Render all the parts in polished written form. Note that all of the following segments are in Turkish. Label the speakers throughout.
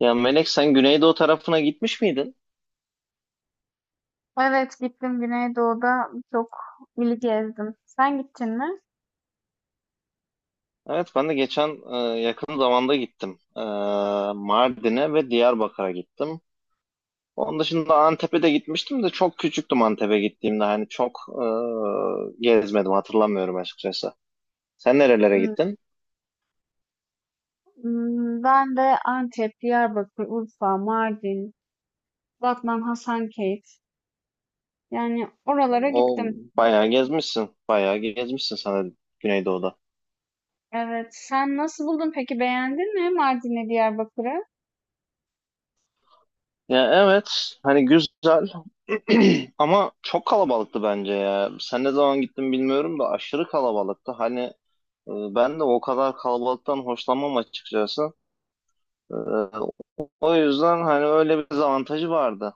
Speaker 1: Ya Melek, sen Güneydoğu tarafına gitmiş miydin?
Speaker 2: Evet gittim, Güneydoğu'da çok ili gezdim. Sen gittin mi?
Speaker 1: Evet, ben de geçen yakın zamanda gittim. Mardin'e ve Diyarbakır'a gittim. Onun dışında Antep'e de gitmiştim de çok küçüktüm Antep'e gittiğimde. Hani çok gezmedim, hatırlamıyorum açıkçası. Sen nerelere
Speaker 2: Hmm.
Speaker 1: gittin?
Speaker 2: Hmm, ben de Antep, Diyarbakır, Urfa, Mardin, Batman, Hasankeyf. Yani oralara
Speaker 1: O,
Speaker 2: gittim.
Speaker 1: bayağı gezmişsin. Bayağı gezmişsin sana Güneydoğu'da.
Speaker 2: Evet. Sen nasıl buldun peki? Beğendin mi Mardin'le Diyarbakır'ı?
Speaker 1: Ya evet, hani güzel ama çok kalabalıktı bence ya. Sen ne zaman gittin bilmiyorum da aşırı kalabalıktı. Hani, ben de o kadar kalabalıktan hoşlanmam açıkçası. Ee, O yüzden hani öyle bir dezavantajı vardı.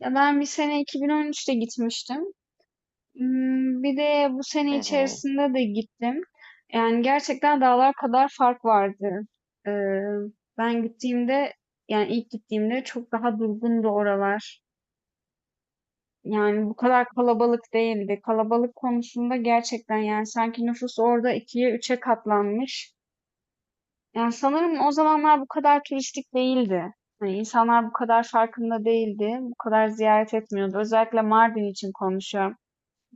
Speaker 2: Ya ben bir sene 2013'te gitmiştim. Bir de bu
Speaker 1: Hı
Speaker 2: sene
Speaker 1: hı,
Speaker 2: içerisinde de gittim. Yani gerçekten dağlar kadar fark vardı. Eee, Ben gittiğimde, yani ilk gittiğimde çok daha durgundu oralar. Yani bu kadar kalabalık değildi. Kalabalık konusunda gerçekten, yani sanki nüfus orada ikiye üçe katlanmış. Yani sanırım o zamanlar bu kadar turistik değildi. Hani insanlar bu kadar farkında değildi. Bu kadar ziyaret etmiyordu. Özellikle Mardin için konuşuyorum.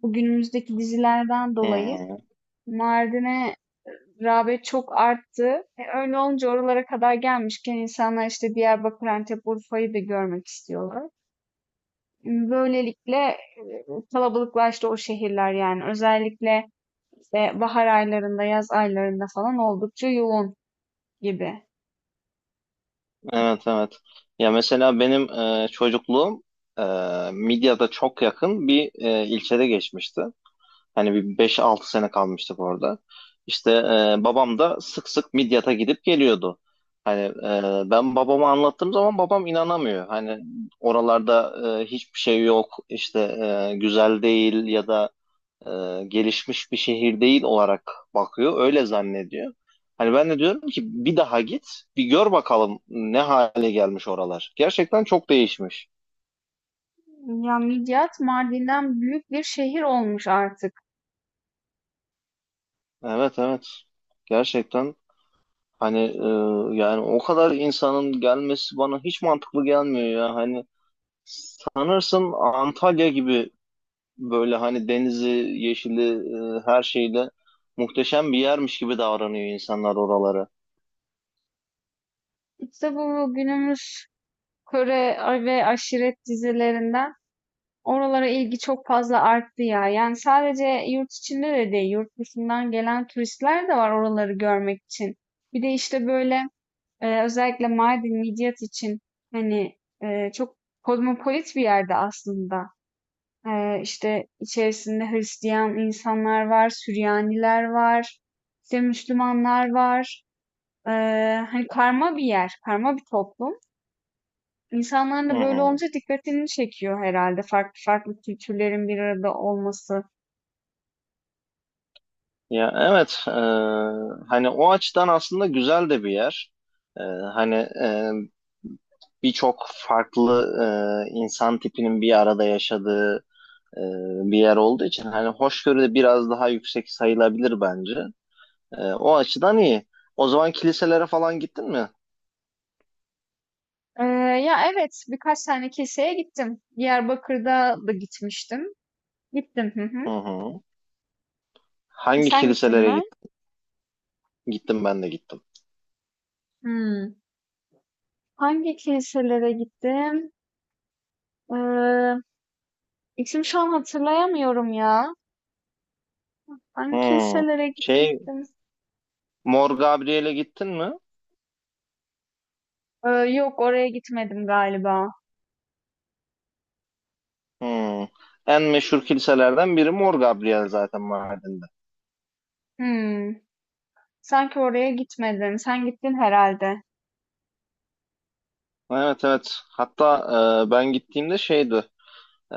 Speaker 2: Bu günümüzdeki dizilerden
Speaker 1: hı
Speaker 2: dolayı
Speaker 1: hı.
Speaker 2: Mardin'e rağbet çok arttı. Öyle olunca oralara kadar gelmişken insanlar işte Diyarbakır, Antep, Urfa'yı da görmek istiyorlar. Böylelikle kalabalıklaştı o şehirler yani. Özellikle işte bahar aylarında, yaz aylarında falan oldukça yoğun gibi.
Speaker 1: Evet, evet. Ya mesela benim çocukluğum e, Midyat'a çok yakın bir ilçede geçmişti. Hani bir beş altı sene kalmıştık orada. İşte babam da sık sık Midyat'a gidip geliyordu. Hani, ben babama anlattığım zaman babam inanamıyor. Hani oralarda hiçbir şey yok, işte güzel değil ya da gelişmiş bir şehir değil olarak bakıyor. Öyle zannediyor. Hani ben de diyorum ki bir daha git, bir gör bakalım ne hale gelmiş oralar. Gerçekten çok değişmiş.
Speaker 2: Ya Midyat Mardin'den büyük bir şehir olmuş artık.
Speaker 1: Evet, evet. Gerçekten, hani, yani o kadar insanın gelmesi bana hiç mantıklı gelmiyor ya. Hani sanırsın Antalya gibi, böyle hani denizi, yeşili, her şeyle muhteşem bir yermiş gibi davranıyor insanlar oraları.
Speaker 2: İşte bu günümüz Kore ve aşiret dizilerinden oralara ilgi çok fazla arttı ya. Yani sadece yurt içinde de değil, yurt dışından gelen turistler de var oraları görmek için. Bir de işte böyle, özellikle Mardin, Midyat için, hani çok kozmopolit bir yerde aslında. İşte içerisinde Hristiyan insanlar var, Süryaniler var, işte Müslümanlar var. E, Hani karma bir yer, karma bir toplum. İnsanlar
Speaker 1: Hı
Speaker 2: da böyle
Speaker 1: hı.
Speaker 2: olunca dikkatini çekiyor herhalde farklı farklı kültürlerin bir arada olması.
Speaker 1: Ya evet, hani o açıdan aslında güzel de bir yer. Hani birçok farklı insan tipinin bir arada yaşadığı e, bir yer olduğu için hani hoşgörü de biraz daha yüksek sayılabilir bence. O açıdan iyi. O zaman kiliselere falan gittin mi?
Speaker 2: Eee, Ya, evet, birkaç tane keseye gittim. Diyarbakır'da da gitmiştim. Gittim. Hı
Speaker 1: Hı
Speaker 2: hı.
Speaker 1: hı. Hangi
Speaker 2: Sen gittin
Speaker 1: kiliselere
Speaker 2: mi?
Speaker 1: gittim, ben de gittim.
Speaker 2: Hımm. Hangi kiliselere gittim? Eee, isim şu an hatırlayamıyorum ya. Hangi
Speaker 1: Hmm.
Speaker 2: kiliselere
Speaker 1: Şey
Speaker 2: gitmiştim?
Speaker 1: Mor Gabriel'e gittin mi?
Speaker 2: Yok, oraya gitmedim galiba.
Speaker 1: Hmm. En meşhur kiliselerden biri Mor Gabriel, zaten Mardin'de.
Speaker 2: Hımm. Sanki oraya gitmedim. Sen gittin herhalde.
Speaker 1: Evet, evet. Hatta ben gittiğimde şeydi. e,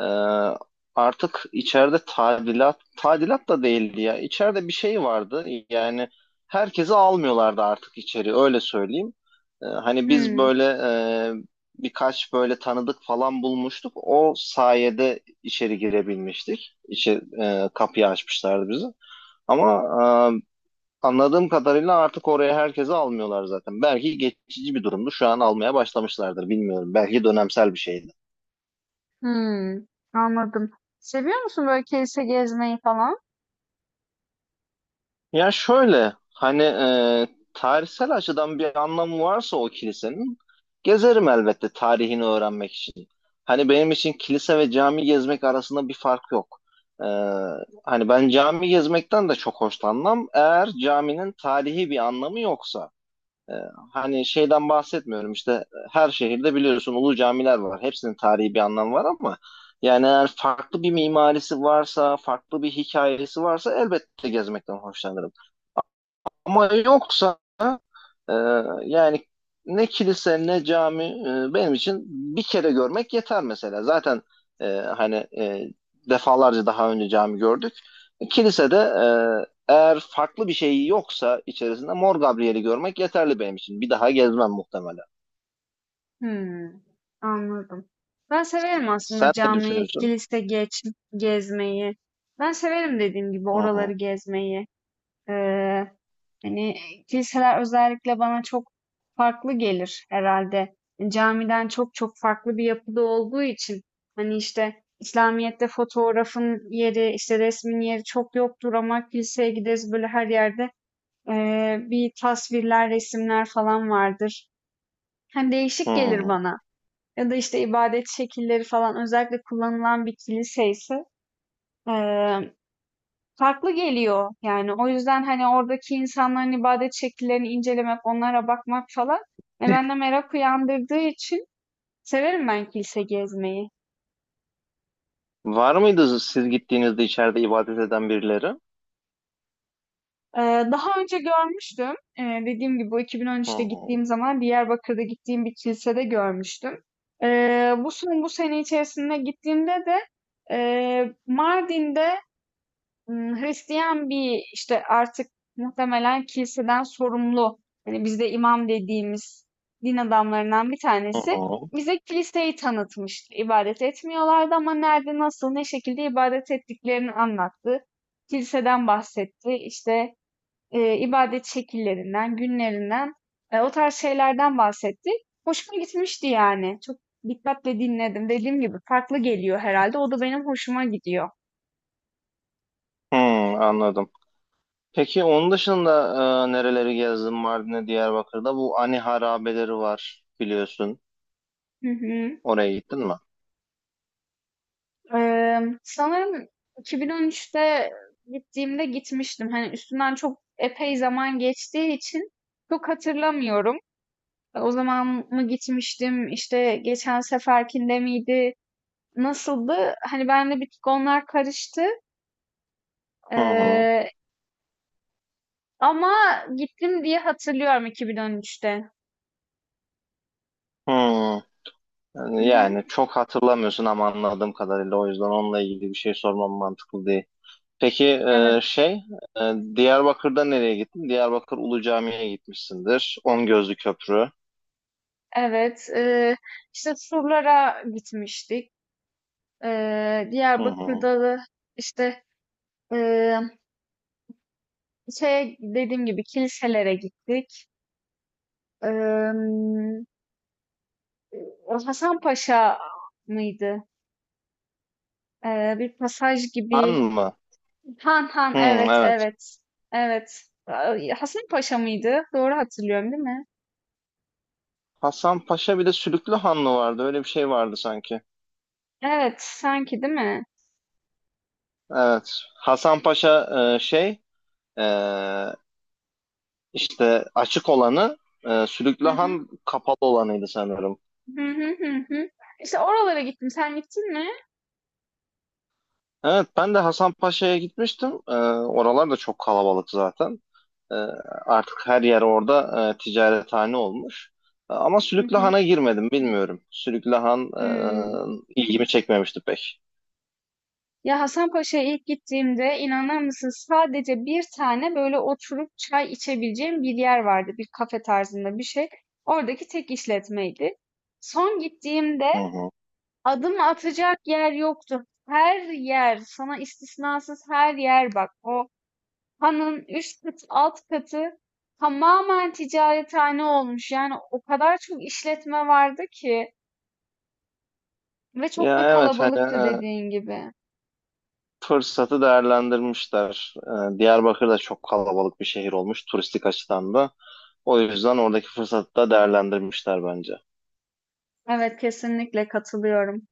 Speaker 1: Artık içeride tadilat da değildi ya. İçeride bir şey vardı. Yani herkesi almıyorlardı artık içeri. Öyle söyleyeyim. Hani biz
Speaker 2: Hımm.
Speaker 1: böyle birkaç böyle tanıdık falan bulmuştuk. O sayede içeri girebilmiştik. İçeri, kapıyı açmışlardı bizi. Ama e, anladığım kadarıyla artık oraya herkesi almıyorlar zaten. Belki geçici bir durumdu. Şu an almaya başlamışlardır. Bilmiyorum. Belki dönemsel bir şeydi.
Speaker 2: Hımm, anladım. Seviyor musun böyle kilise gezmeyi falan?
Speaker 1: Ya, şöyle hani tarihsel açıdan bir anlamı varsa o kilisenin, gezerim elbette, tarihini öğrenmek için. Hani benim için kilise ve cami gezmek arasında bir fark yok. E, Hani ben cami gezmekten de çok hoşlanmam. Eğer caminin tarihi bir anlamı yoksa. Ee, Hani şeyden bahsetmiyorum, işte her şehirde biliyorsun ulu camiler var. Hepsinin tarihi bir anlamı var ama yani eğer farklı bir mimarisi varsa, farklı bir hikayesi varsa elbette gezmekten hoşlanırım. Ama yoksa, e, yani ne kilise ne cami, benim için bir kere görmek yeter mesela. Zaten e, hani defalarca daha önce cami gördük. Kilisede, eğer farklı bir şey yoksa içerisinde, Mor Gabriel'i görmek yeterli benim için. Bir daha gezmem muhtemelen.
Speaker 2: Hımm, anladım. Ben severim aslında
Speaker 1: Sen ne
Speaker 2: cami,
Speaker 1: düşünüyorsun?
Speaker 2: kilise gezmeyi. Ben severim dediğim gibi
Speaker 1: Hı hı.
Speaker 2: oraları gezmeyi. Eee, Hani kiliseler özellikle bana çok farklı gelir herhalde. Camiden çok çok farklı bir yapıda olduğu için, hani işte İslamiyet'te fotoğrafın yeri, işte resmin yeri çok yoktur, ama kiliseye gideriz, böyle her yerde bir tasvirler, resimler falan vardır. Hani
Speaker 1: Hı
Speaker 2: değişik gelir
Speaker 1: hı.
Speaker 2: bana. Ya da işte ibadet şekilleri falan, özellikle kullanılan bir kilise ise eee, farklı geliyor. Yani o yüzden hani oradaki insanların ibadet şekillerini incelemek, onlara bakmak falan bende merak uyandırdığı için severim ben kilise gezmeyi.
Speaker 1: Var mıydı siz gittiğinizde içeride ibadet eden birileri?
Speaker 2: Eee, Daha önce görmüştüm. Dediğim gibi bu
Speaker 1: Hı
Speaker 2: 2013'te
Speaker 1: hı.
Speaker 2: gittiğim zaman Diyarbakır'da gittiğim bir kilisede görmüştüm. Bu son bu sene içerisinde gittiğimde de Mardin'de Hristiyan bir işte artık muhtemelen kiliseden sorumlu, hani bizde imam dediğimiz din adamlarından bir
Speaker 1: Hı
Speaker 2: tanesi
Speaker 1: hı.
Speaker 2: bize kiliseyi tanıtmıştı. İbadet etmiyorlardı ama nerede, nasıl, ne şekilde ibadet ettiklerini anlattı. Kiliseden bahsetti. İşte ibadet şekillerinden, günlerinden, o tarz şeylerden bahsetti. Hoşuma gitmişti yani. Çok dikkatle dinledim. Dediğim gibi farklı geliyor herhalde. O da benim hoşuma gidiyor.
Speaker 1: Hı, anladım. Peki onun dışında nereleri gezdin Mardin'e, Diyarbakır'da? Bu Ani harabeleri var, biliyorsun.
Speaker 2: Hı hı.
Speaker 1: Oraya gittin mi?
Speaker 2: Sanırım 2013'te gittiğimde gitmiştim. Hani üstünden çok epey zaman geçtiği için çok hatırlamıyorum. O zaman mı gitmiştim? İşte geçen seferkinde miydi? Nasıldı? Hani benimle bir tık onlar karıştı.
Speaker 1: Hı hı.
Speaker 2: Ee, Ama gittim diye hatırlıyorum 2013'te.
Speaker 1: Hı.
Speaker 2: Hı hı.
Speaker 1: Yani çok hatırlamıyorsun ama anladığım kadarıyla, o yüzden onunla ilgili bir şey sormam mantıklı değil. Peki, e,
Speaker 2: Evet.
Speaker 1: şey Diyarbakır'da nereye gittin? Diyarbakır Ulu Cami'ye gitmişsindir. On Gözlü Köprü.
Speaker 2: Evet, işte surlara gitmiştik.
Speaker 1: Hı hı.
Speaker 2: Diyarbakır'da da işte eee şey, dediğim gibi, kiliselere gittik. Eee O Hasan Paşa mıydı? Bir pasaj
Speaker 1: Han
Speaker 2: gibi.
Speaker 1: mı?
Speaker 2: Han,
Speaker 1: Hı,
Speaker 2: evet
Speaker 1: evet.
Speaker 2: evet. Evet. Ay, Hasan Paşa mıydı? Doğru hatırlıyorum değil mi?
Speaker 1: Hasan Paşa bir de Sülüklü Han mı vardı? Öyle bir şey vardı sanki.
Speaker 2: Evet, sanki değil mi?
Speaker 1: Evet. Hasan Paşa e, şey e, işte açık olanı, Sülüklü Han kapalı olanıydı sanırım.
Speaker 2: Hı hı, hı hı. İşte oralara gittim. Sen gittin mi?
Speaker 1: Evet, ben de Hasan Paşa'ya gitmiştim. Oralar da çok kalabalık zaten. E, Artık her yer orada ticarethane olmuş. Ama
Speaker 2: Hı
Speaker 1: Sülüklü
Speaker 2: hı.
Speaker 1: Han'a girmedim, bilmiyorum. Sülüklü Han
Speaker 2: Hımm.
Speaker 1: ilgimi çekmemişti pek.
Speaker 2: Ya Hasanpaşa'ya ilk gittiğimde inanır mısın, sadece bir tane böyle oturup çay içebileceğim bir yer vardı. Bir kafe tarzında bir şey. Oradaki tek işletmeydi. Son gittiğimde
Speaker 1: Hı hı.
Speaker 2: adım atacak yer yoktu. Her yer, sana istisnasız her yer bak. O hanın üst katı, alt katı tamamen ticarethane olmuş. Yani o kadar çok işletme vardı ki. Ve çok
Speaker 1: Ya
Speaker 2: da
Speaker 1: evet, hani
Speaker 2: kalabalıktı
Speaker 1: e,
Speaker 2: dediğin gibi.
Speaker 1: fırsatı değerlendirmişler. Diyarbakır da çok kalabalık bir şehir olmuş turistik açıdan da. O yüzden oradaki fırsatı da değerlendirmişler bence.
Speaker 2: Evet, kesinlikle katılıyorum.